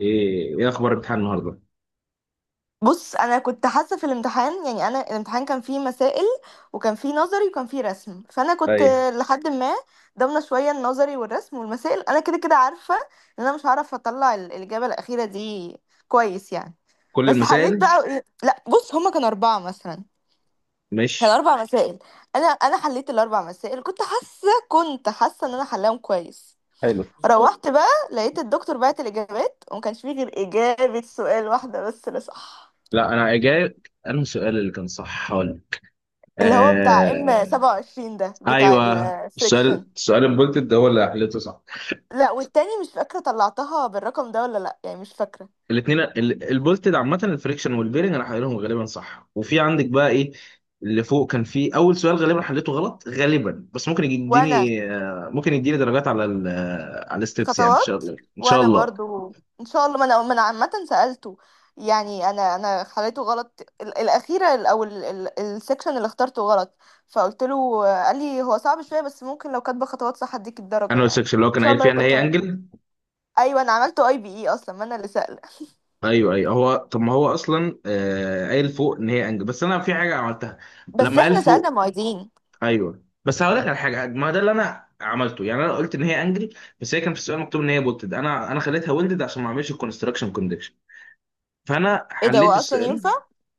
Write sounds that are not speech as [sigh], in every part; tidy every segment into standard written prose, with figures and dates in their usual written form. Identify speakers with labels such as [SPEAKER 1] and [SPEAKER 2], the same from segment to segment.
[SPEAKER 1] ايه اخبار الامتحان النهارده؟
[SPEAKER 2] بص انا كنت حاسه في الامتحان، يعني انا الامتحان كان فيه مسائل وكان فيه نظري وكان فيه رسم. فانا كنت
[SPEAKER 1] ايوه،
[SPEAKER 2] لحد ما ضامنه شويه النظري والرسم والمسائل. انا كده كده عارفه ان انا مش هعرف اطلع الاجابه الاخيره دي كويس يعني.
[SPEAKER 1] كل
[SPEAKER 2] بس حليت
[SPEAKER 1] المسائل
[SPEAKER 2] بقى [laughs] لا بص، هما كانوا اربعه مثلا، كان
[SPEAKER 1] مش.
[SPEAKER 2] اربع مسائل. انا حليت الاربع مسائل. كنت حاسه ان انا حلاهم كويس.
[SPEAKER 1] حلو.
[SPEAKER 2] روحت بقى لقيت الدكتور بعت الاجابات وما كانش فيه غير اجابه سؤال واحده بس اللي صح،
[SPEAKER 1] لا، انا جاي. انا السؤال اللي كان صح هقول.
[SPEAKER 2] اللي هو بتاع ام
[SPEAKER 1] آه...
[SPEAKER 2] 27 ده، بتاع
[SPEAKER 1] ايوه،
[SPEAKER 2] الفريكشن.
[SPEAKER 1] السؤال البولتد ده هو اللي حليته صح.
[SPEAKER 2] لا والتاني مش فاكرة طلعتها بالرقم ده ولا لا، يعني مش فاكرة.
[SPEAKER 1] الاثنين البولتد عامه، الفريكشن والبيرنج، انا حليتهم غالبا صح. وفي عندك بقى ايه اللي فوق؟ كان في اول سؤال غالبا حليته غلط غالبا، بس ممكن
[SPEAKER 2] وانا
[SPEAKER 1] يديني درجات على ال... آه، على الستبس، يعني ان شاء
[SPEAKER 2] خطوات،
[SPEAKER 1] الله ان شاء
[SPEAKER 2] وانا
[SPEAKER 1] الله.
[SPEAKER 2] برضو ان شاء الله. ما انا عامة سألته، يعني انا خليته غلط. ال- الاخيرة ال- او ال- ال- السكشن اللي اخترته غلط، فقلت له، قال لي هو صعب شوية بس ممكن لو كاتبة خطوات صح اديك الدرجة
[SPEAKER 1] انا
[SPEAKER 2] يعني.
[SPEAKER 1] السكشن اللي هو
[SPEAKER 2] ان
[SPEAKER 1] كان
[SPEAKER 2] شاء
[SPEAKER 1] قايل
[SPEAKER 2] الله
[SPEAKER 1] فيها ان
[SPEAKER 2] يبقى
[SPEAKER 1] هي
[SPEAKER 2] طيب.
[SPEAKER 1] انجل.
[SPEAKER 2] ايوه، انا عملته اي بي اي اصلا، ما انا اللي سأله.
[SPEAKER 1] ايوه ايوه. هو طب ما هو اصلا قايل فوق ان هي انجب، بس انا في حاجه عملتها
[SPEAKER 2] بس
[SPEAKER 1] لما قال
[SPEAKER 2] احنا سألنا
[SPEAKER 1] فوق.
[SPEAKER 2] معيدين.
[SPEAKER 1] ايوه بس هقول لك على حاجه، ما ده اللي انا عملته، يعني انا قلت ان هي انجل، بس هي كان في السؤال مكتوب ان هي بولتد. انا خليتها ويلدد عشان ما اعملش الكونستراكشن كونديشن، فانا
[SPEAKER 2] ايه ده، هو
[SPEAKER 1] حليت
[SPEAKER 2] اصلا ينفع؟
[SPEAKER 1] السؤال.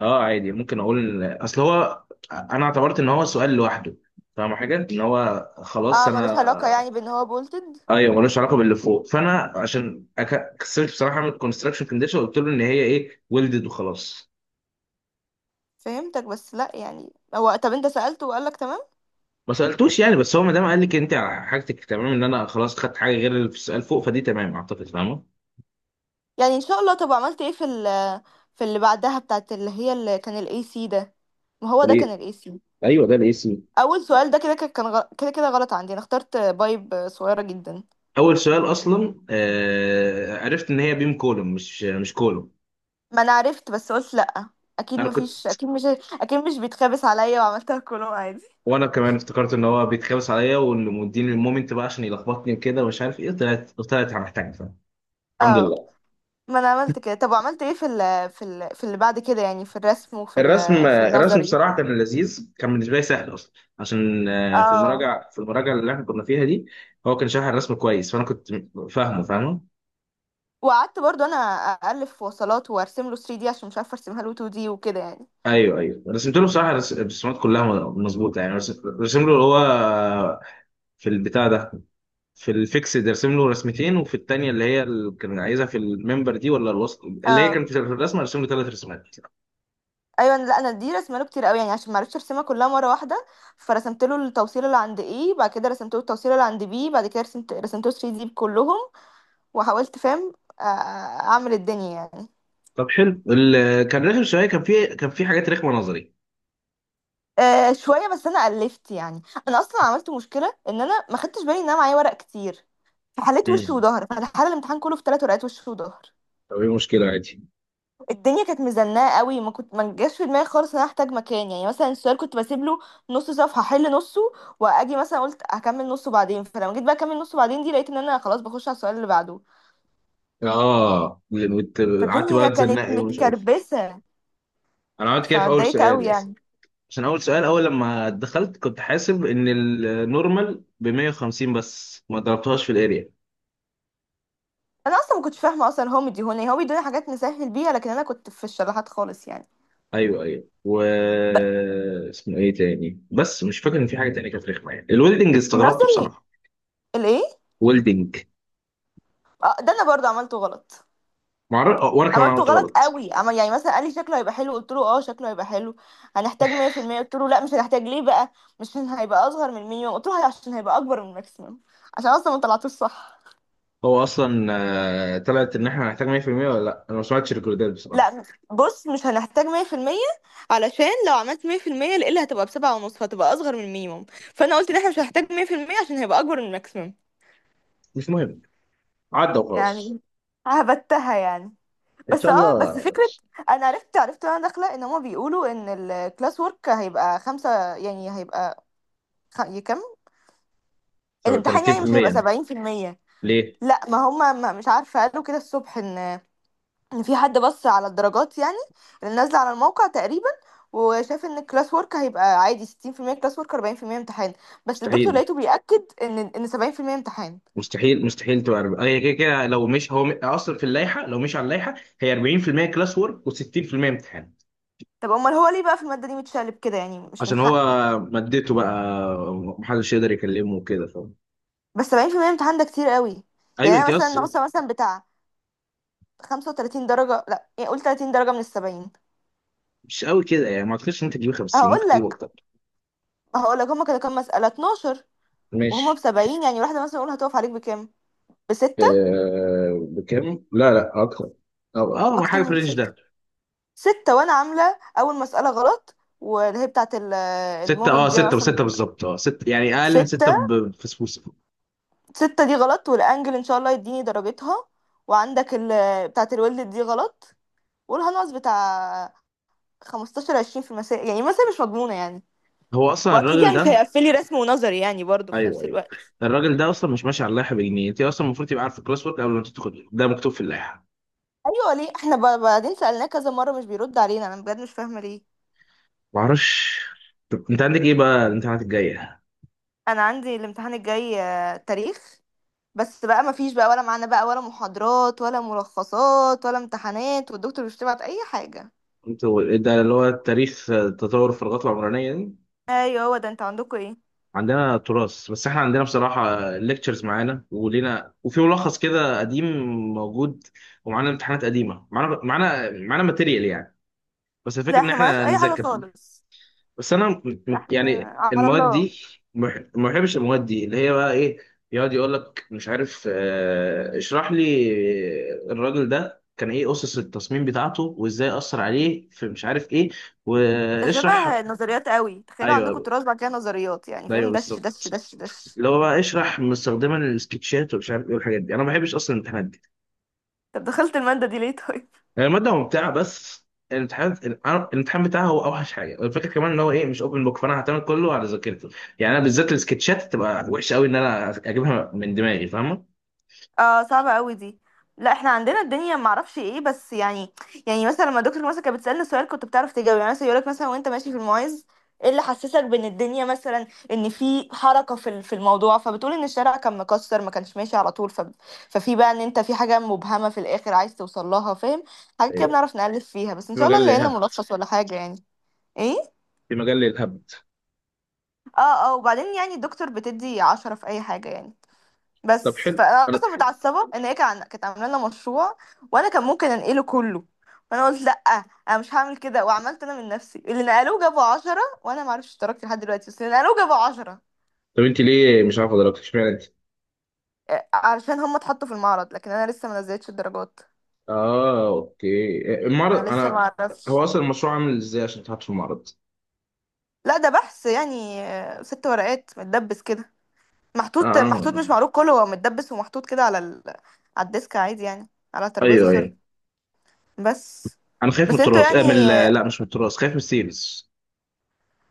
[SPEAKER 1] اه عادي ممكن اقول اصل هو انا اعتبرت ان هو سؤال لوحده، فاهم حاجه ان هو خلاص
[SPEAKER 2] اه، ملوش علاقة
[SPEAKER 1] انا.
[SPEAKER 2] يعني بان هو بولتد.
[SPEAKER 1] ايوه ملوش علاقه باللي فوق، فانا عشان كسلت بصراحه اعمل كونستراكشن كونديشن، قلت له ان هي ايه ويلدد وخلاص.
[SPEAKER 2] فهمتك، بس لا يعني، هو طب انت سألته وقالك تمام.
[SPEAKER 1] ما سالتوش يعني، بس هو ما دام قال لك انت على حاجتك تمام، ان انا خلاص خدت حاجه غير اللي في السؤال فوق، فدي تمام اعتقد، فاهمه؟
[SPEAKER 2] يعني ان شاء الله. طب عملت ايه في ال، في اللي بعدها، بتاعت اللي هي، اللي كان الاي سي ده؟ ما هو ده
[SPEAKER 1] ليه؟
[SPEAKER 2] كان الاي سي.
[SPEAKER 1] ايوه، ده الاي سي.
[SPEAKER 2] اول سؤال ده كده كده كان كده كده غلط عندي، انا اخترت بايب صغيرة جدا.
[SPEAKER 1] اول سؤال اصلا عرفت ان هي بيم كولوم، مش كولوم.
[SPEAKER 2] ما انا عرفت، بس قلت لا، اكيد
[SPEAKER 1] انا
[SPEAKER 2] مفيش،
[SPEAKER 1] كنت.
[SPEAKER 2] اكيد مش، اكيد مش بيتخابس عليا، وعملتها كلهم عادي.
[SPEAKER 1] وانا كمان افتكرت ان هو بيتخابس عليا، واللي مديني المومنت بقى عشان يلخبطني وكده، ومش عارف ايه، طلعت محتاج، فاهم؟ الحمد
[SPEAKER 2] اه
[SPEAKER 1] لله.
[SPEAKER 2] ما انا عملت كده. طب وعملت ايه في اللي بعد كده، يعني في الرسم وفي
[SPEAKER 1] الرسم
[SPEAKER 2] ال في
[SPEAKER 1] الرسم
[SPEAKER 2] النظري؟
[SPEAKER 1] بصراحه كان لذيذ، كان بالنسبه لي سهل اصلا، عشان في
[SPEAKER 2] اه،
[SPEAKER 1] المراجعه في المراجعه اللي احنا كنا فيها دي هو كان شارح الرسم كويس، فانا كنت فاهمه فاهمه.
[SPEAKER 2] وقعدت برضو انا الف وصلات وارسم له 3 دي عشان مش عارفه ارسمها له 2 دي وكده يعني.
[SPEAKER 1] ايوه ايوه، رسمت له بصراحه، الرسومات كلها مظبوطه، يعني رسم له اللي هو في البتاع ده، في الفيكسد رسم له رسمتين، وفي الثانيه اللي هي اللي كان عايزها في الممبر دي ولا الوسط اللي هي
[SPEAKER 2] اه
[SPEAKER 1] كانت في الرسمه رسم له ثلاث رسومات.
[SPEAKER 2] ايوه، لا انا دي رسمه له كتير قوي، يعني عشان ما عرفتش ارسمها كلها مره واحده. فرسمت له التوصيله اللي عند ايه، بعد كده رسمت له التوصيله اللي عند بي، بعد كده رسمت له 3 دي كلهم. وحاولت، فاهم، آه، اعمل الدنيا يعني.
[SPEAKER 1] طب حلو. اللي كان رخم شويه، كان في حاجات رخمه نظري.
[SPEAKER 2] شويه بس انا الفت يعني. انا اصلا عملت مشكله ان انا ما خدتش بالي ان انا معايا ورق كتير. فحليت وش
[SPEAKER 1] مم.
[SPEAKER 2] وظهر، فانا حل الامتحان كله في 3 ورقات وش وظهر.
[SPEAKER 1] طب ايه المشكلة؟ عادي.
[SPEAKER 2] الدنيا كانت مزنقه قوي، ما كنت ما جاش في دماغي خالص ان انا احتاج مكان. يعني مثلا السؤال كنت بسيب له نص صفحه احل نصه، واجي مثلا قلت هكمل نصه بعدين. فلما جيت بقى اكمل نصه بعدين دي، لقيت ان انا خلاص بخش على السؤال اللي بعده.
[SPEAKER 1] اه قعدت بقى
[SPEAKER 2] فالدنيا كانت
[SPEAKER 1] تزنقي ومش عارف.
[SPEAKER 2] متكربسه،
[SPEAKER 1] انا عملت كده في اول
[SPEAKER 2] فاتضايقت قوي
[SPEAKER 1] سؤال بس،
[SPEAKER 2] يعني.
[SPEAKER 1] عشان اول لما دخلت كنت حاسب ان النورمال ب 150، بس ما ضربتهاش في الاريا.
[SPEAKER 2] انا اصلا ما كنتش فاهمه اصلا، هو مديهوني، هو بيدوني حاجات نسهل بيها، لكن انا كنت في الشلاحات خالص يعني.
[SPEAKER 1] ايوه ايوه و.
[SPEAKER 2] ب-
[SPEAKER 1] اسمه ايه تاني بس مش فاكر ان في حاجه تانية كانت رخمه، يعني الويلدنج استغربت
[SPEAKER 2] النظري،
[SPEAKER 1] بصراحه.
[SPEAKER 2] الايه؟
[SPEAKER 1] ويلدنج.
[SPEAKER 2] اه، ده انا برضه عملته غلط.
[SPEAKER 1] معر... آه، وانا كمان
[SPEAKER 2] عملته
[SPEAKER 1] عملت
[SPEAKER 2] غلط
[SPEAKER 1] غلط.
[SPEAKER 2] قوي، عمل. يعني مثلا قال لي شكله هيبقى حلو، قلت له اه شكله هيبقى حلو. هنحتاج 100%؟ قلت له لا، مش هنحتاج. ليه بقى؟ مش عشان هيبقى اصغر من المينيمم. قلت له عشان هيبقى اكبر من الماكسيمم، عشان اصلا ما طلعتوش صح.
[SPEAKER 1] هو اصلا طلعت ان احنا هنحتاج 100% ولا لا، انا ما سمعتش الريكوردات بصراحه.
[SPEAKER 2] لا بص، مش هنحتاج 100%، علشان لو عملت 100% القله هتبقى بسبعة ونص، فهتبقى اصغر من المينيمم. فانا قلت ان احنا مش هنحتاج 100%، عشان هيبقى اكبر من الماكسيمم.
[SPEAKER 1] مش مهم، عدى وخلاص.
[SPEAKER 2] يعني هبتها يعني.
[SPEAKER 1] ان
[SPEAKER 2] بس
[SPEAKER 1] شاء
[SPEAKER 2] اه بس
[SPEAKER 1] الله.
[SPEAKER 2] فكرة. انا عرفت، عرفت وانا داخلة، ان هما بيقولوا ان الكلاس ورك هيبقى خمسة، يعني هيبقى كام
[SPEAKER 1] طب
[SPEAKER 2] الامتحان، يعني مش
[SPEAKER 1] 30%
[SPEAKER 2] هيبقى
[SPEAKER 1] يعني.
[SPEAKER 2] 70%؟
[SPEAKER 1] ليه؟
[SPEAKER 2] لا، ما هم ما- مش عارفه، قالوا كده الصبح ان في حد بص على الدرجات يعني، اللي نازله على الموقع تقريبا، وشاف ان الكلاس ورك هيبقى عادي 60% كلاس ورك 40% امتحان. بس الدكتور
[SPEAKER 1] مستحيل
[SPEAKER 2] لقيته بيأكد ان 70% امتحان.
[SPEAKER 1] مستحيل مستحيل تبقى 40، هي كده كده لو مش هو اصلا في اللائحه، لو مش على اللائحه هي 40% كلاس وورك و60% امتحان.
[SPEAKER 2] طب امال هو ليه بقى في الماده دي متشقلب كده، يعني مش من
[SPEAKER 1] عشان هو
[SPEAKER 2] حقه.
[SPEAKER 1] مادته بقى، محدش يقدر يكلمه وكده، فاهم؟
[SPEAKER 2] بس 70% امتحان ده كتير قوي.
[SPEAKER 1] ايوه
[SPEAKER 2] يعني
[SPEAKER 1] انت
[SPEAKER 2] انا مثلا
[SPEAKER 1] اصلا.
[SPEAKER 2] ناقصه مثلا بتاع 35 درجه، لا يعني قول 30 درجه من ال 70.
[SPEAKER 1] مش قوي كده، يعني ما اعتقدش ان انت تجيب 50،
[SPEAKER 2] هقول
[SPEAKER 1] ممكن تجيب
[SPEAKER 2] لك
[SPEAKER 1] اكتر.
[SPEAKER 2] هقول لك هما كانوا كام مساله، 12. وهما
[SPEAKER 1] ماشي.
[SPEAKER 2] بسبعين، يعني واحدة مثلا اقول هتقف عليك بكام؟ بستة.
[SPEAKER 1] آه بكام؟ لا لا، أكتر. أو أكتر، اه،
[SPEAKER 2] اكتر
[SPEAKER 1] حاجه في
[SPEAKER 2] من
[SPEAKER 1] الرينج
[SPEAKER 2] ستة.
[SPEAKER 1] ده.
[SPEAKER 2] ستة، وانا عاملة اول مسألة غلط، واللي هي بتاعت
[SPEAKER 1] ستة، اه
[SPEAKER 2] المومنت دي انا
[SPEAKER 1] ستة،
[SPEAKER 2] اصلا.
[SPEAKER 1] وستة بالظبط، اه ستة، يعني اقل من ستة
[SPEAKER 2] ستة.
[SPEAKER 1] بفسفوسة.
[SPEAKER 2] ستة دي غلط، والانجل ان شاء الله يديني درجتها. وعندك ال بتاعت الولد دي غلط. قولها ناقص بتاع خمستاشر عشرين في المسائل، يعني مثلا مش مضمونة يعني.
[SPEAKER 1] هو اصلا
[SPEAKER 2] واكيد
[SPEAKER 1] الراجل
[SPEAKER 2] يعني مش
[SPEAKER 1] ده.
[SPEAKER 2] هيقفلي رسم ونظري يعني برضه في
[SPEAKER 1] ايوه
[SPEAKER 2] نفس
[SPEAKER 1] ايوه.
[SPEAKER 2] الوقت.
[SPEAKER 1] الراجل ده اصلا مش ماشي على اللائحه بجنيه. انت اصلا المفروض تبقى عارف الكلاس ورك قبل ما تدخل، ده مكتوب في اللائحه.
[SPEAKER 2] ايوه ليه احنا بعدين سألناه كذا مرة مش بيرد علينا؟ انا بجد مش فاهمة ليه.
[SPEAKER 1] ما اعرفش. طب انت عندك ايه بقى الامتحانات الجايه؟
[SPEAKER 2] انا عندي الامتحان الجاي تاريخ. بس بقى مفيش بقى ولا معانا بقى، ولا محاضرات ولا ملخصات ولا امتحانات، والدكتور مش بتبعت اي حاجه.
[SPEAKER 1] انتوا ده اللي هو التاريخ، تطور الفراغات العمرانيه دي؟
[SPEAKER 2] ايوه هو ده، انتوا عندكم ايه؟
[SPEAKER 1] عندنا تراث. بس احنا عندنا بصراحه ليكتشرز معانا ولينا، وفي ملخص كده قديم موجود، ومعانا امتحانات قديمه، معانا ماتيريال يعني. بس الفكره
[SPEAKER 2] لا
[SPEAKER 1] ان
[SPEAKER 2] احنا معناش
[SPEAKER 1] احنا
[SPEAKER 2] اي حاجه
[SPEAKER 1] نذاكر.
[SPEAKER 2] خالص.
[SPEAKER 1] بس انا
[SPEAKER 2] احنا
[SPEAKER 1] يعني
[SPEAKER 2] على
[SPEAKER 1] المواد
[SPEAKER 2] الله.
[SPEAKER 1] دي ما بحبش. المواد دي اللي هي بقى ايه، يقعد يقول لك مش عارف اشرح لي الراجل ده كان ايه اسس التصميم بتاعته، وازاي اثر عليه في مش عارف ايه،
[SPEAKER 2] ده
[SPEAKER 1] واشرح.
[SPEAKER 2] شبه النظريات قوي، تخيلوا عندكم
[SPEAKER 1] ايوه
[SPEAKER 2] تراث بعد كده نظريات. يعني
[SPEAKER 1] ايوه
[SPEAKER 2] فاهم، دش دش
[SPEAKER 1] بالظبط.
[SPEAKER 2] دش دش.
[SPEAKER 1] اللي هو بقى اشرح مستخدما السكتشات ومش عارف ايه، والحاجات دي انا ما بحبش اصلا الامتحانات دي.
[SPEAKER 2] طب دخلت الماده دي ليه طيب؟
[SPEAKER 1] يعني الماده ممتعه، بس الامتحان الامتحان بتاعها هو اوحش حاجه، والفكره كمان ان هو ايه مش اوبن بوك، فانا هعتمد كله على ذاكرتي. يعني انا بالذات السكتشات تبقى وحشه قوي ان انا اجيبها من دماغي، فاهمه؟
[SPEAKER 2] اه صعبة قوي دي. لا احنا عندنا الدنيا معرفش ايه بس يعني، يعني مثلا لما دكتور مثلا كانت بتسألنا سؤال كنت بتعرف تجاوب. يعني مثلا يقولك مثلا وانت ماشي في المعز، ايه اللي حسسك بان الدنيا مثلا ان في حركة في الموضوع، فبتقول ان الشارع كان مكسر ما كانش ماشي على طول، ف ففي بقى ان انت في حاجة مبهمة في الاخر عايز توصل لها، فاهم. حاجة كده
[SPEAKER 1] ايوه.
[SPEAKER 2] بنعرف نألف فيها. بس ان
[SPEAKER 1] في
[SPEAKER 2] شاء
[SPEAKER 1] مجال
[SPEAKER 2] الله نلاقي لنا
[SPEAKER 1] للهبد.
[SPEAKER 2] ملخص ولا حاجة يعني. ايه.
[SPEAKER 1] في مجال للهبد.
[SPEAKER 2] اه. اه، وبعدين يعني الدكتور بتدي 10 في اي حاجة يعني.
[SPEAKER 1] طب
[SPEAKER 2] بس
[SPEAKER 1] حلو.
[SPEAKER 2] فانا اصلا متعصبه ان هي كانت عامله لنا مشروع، وانا كان ممكن انقله كله، فانا قلت لا انا مش هعمل كده، وعملت انا من نفسي. اللي نقلوه جابوا 10، وانا معرفش اشتركت لحد دلوقتي، بس اللي نقلوه جابوا عشرة.
[SPEAKER 1] طب انت ليه مش عارفه دلوقتي؟ اشمعنى انت؟
[SPEAKER 2] علشان هم اتحطوا في المعرض، لكن انا لسه ما نزلتش الدرجات،
[SPEAKER 1] اه اوكي المعرض،
[SPEAKER 2] فانا لسه ما
[SPEAKER 1] انا. هو
[SPEAKER 2] اعرفش.
[SPEAKER 1] اصلا المشروع عامل ازاي عشان تحط في المعرض؟
[SPEAKER 2] لا ده بحث يعني، 6 ورقات متدبس كده، محطوط، محطوط
[SPEAKER 1] اه.
[SPEAKER 2] مش معروض، كله هو متدبس ومحطوط كده على ال، على الديسك عادي، يعني على الترابيزه،
[SPEAKER 1] ايوه ايوه،
[SPEAKER 2] سوري. بس.
[SPEAKER 1] انا خايف من
[SPEAKER 2] بس انتوا
[SPEAKER 1] التراث،
[SPEAKER 2] يعني،
[SPEAKER 1] لا مش من التراث، خايف من السيلز.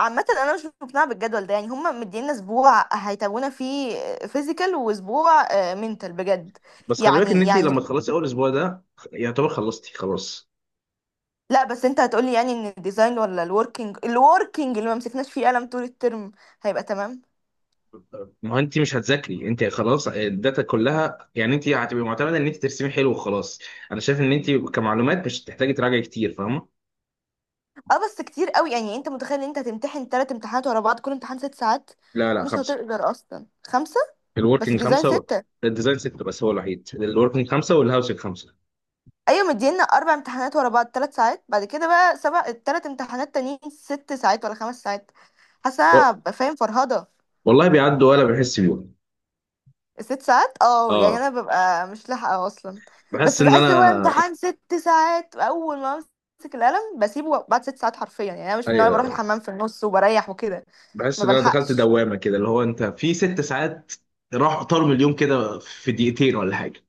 [SPEAKER 2] عامة انا مش مقتنعة بالجدول ده. يعني هما مدينا اسبوع هيتابعونا فيه فيزيكال، واسبوع منتال بجد.
[SPEAKER 1] بس خلي بالك ان
[SPEAKER 2] يعني
[SPEAKER 1] انت لما
[SPEAKER 2] يعني،
[SPEAKER 1] تخلصي اول اسبوع ده يعتبر خلصتي خلاص.
[SPEAKER 2] لا بس انت هتقولي يعني ان الديزاين ولا الوركينج، الوركينج اللي ما مسكناش فيه قلم طول الترم هيبقى تمام.
[SPEAKER 1] ما هو انت مش هتذاكري، انت خلاص الداتا كلها، يعني انت هتبقي معتمده ان انت ترسمي حلو وخلاص. انا شايف ان انت كمعلومات مش هتحتاجي تراجعي كتير، فاهمه؟
[SPEAKER 2] اه بس كتير قوي. يعني انت متخيل ان انت هتمتحن تلات امتحانات ورا بعض كل امتحان 6 ساعات؟
[SPEAKER 1] لا لا،
[SPEAKER 2] مش
[SPEAKER 1] خمسه.
[SPEAKER 2] هتقدر اصلا خمسة. بس
[SPEAKER 1] الوركينج
[SPEAKER 2] الديزاين
[SPEAKER 1] خمسه.
[SPEAKER 2] ستة.
[SPEAKER 1] الديزاين سته، بس هو الوحيد. الوركينج خمسه والهاوسنج خمسه.
[SPEAKER 2] ايوه مدينا اربع امتحانات ورا بعض 3 ساعات، بعد كده بقى سبع، التلات امتحانات تانيين ست ساعات ولا 5 ساعات. حاسه
[SPEAKER 1] و-
[SPEAKER 2] هبقى فاهم فرهضه.
[SPEAKER 1] والله بيعدوا ولا بحس بيهم.
[SPEAKER 2] ست ساعات اه، يعني
[SPEAKER 1] اه.
[SPEAKER 2] انا ببقى مش لاحقه اصلا.
[SPEAKER 1] بحس
[SPEAKER 2] بس
[SPEAKER 1] ان
[SPEAKER 2] بحس هو
[SPEAKER 1] انا.
[SPEAKER 2] امتحان ست ساعات اول ما امسك القلم بسيبه بعد 6 ساعات حرفيا. يعني انا مش من النوع اللي بروح
[SPEAKER 1] ايوه
[SPEAKER 2] الحمام في النص وبريح وكده،
[SPEAKER 1] بحس
[SPEAKER 2] ما
[SPEAKER 1] ان انا دخلت
[SPEAKER 2] بلحقش.
[SPEAKER 1] دوامه كده، اللي هو انت في 6 ساعات راح طارم اليوم كده في دقيقتين ولا حاجه.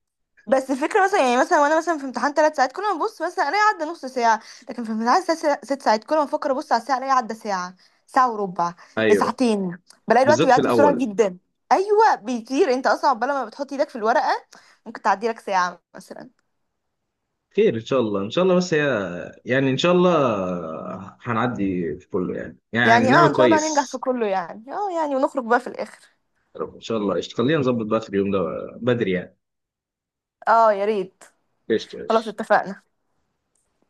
[SPEAKER 2] بس الفكره مثلا، يعني مثلا وانا مثلا في امتحان 3 ساعات كل ما ابص مثلا الاقي عدى نص ساعه، لكن في امتحان ست 6 ساعات كل ما افكر ابص على الساعه الاقي عدى ساعه، ساعه وربع،
[SPEAKER 1] ايوه
[SPEAKER 2] ساعتين. بلاقي الوقت
[SPEAKER 1] بالذات في
[SPEAKER 2] بيعدي بسرعه
[SPEAKER 1] الاول.
[SPEAKER 2] جدا. ايوه بيطير. انت اصلا عقبال ما بتحط ايدك في الورقه ممكن تعدي لك ساعه مثلا.
[SPEAKER 1] خير ان شاء الله ان شاء الله. بس هي يعني ان شاء الله هنعدي في كله، يعني
[SPEAKER 2] يعني اه،
[SPEAKER 1] نعمل
[SPEAKER 2] ان شاء الله هننجح في
[SPEAKER 1] كويس.
[SPEAKER 2] كله. يعني اه، يعني ونخرج بقى في الاخر.
[SPEAKER 1] يا رب ان شاء الله. قشطة. خلينا نظبط بقى في اليوم ده، بدري يعني.
[SPEAKER 2] اه يا ريت.
[SPEAKER 1] قشطة
[SPEAKER 2] خلاص
[SPEAKER 1] قشطة.
[SPEAKER 2] اتفقنا.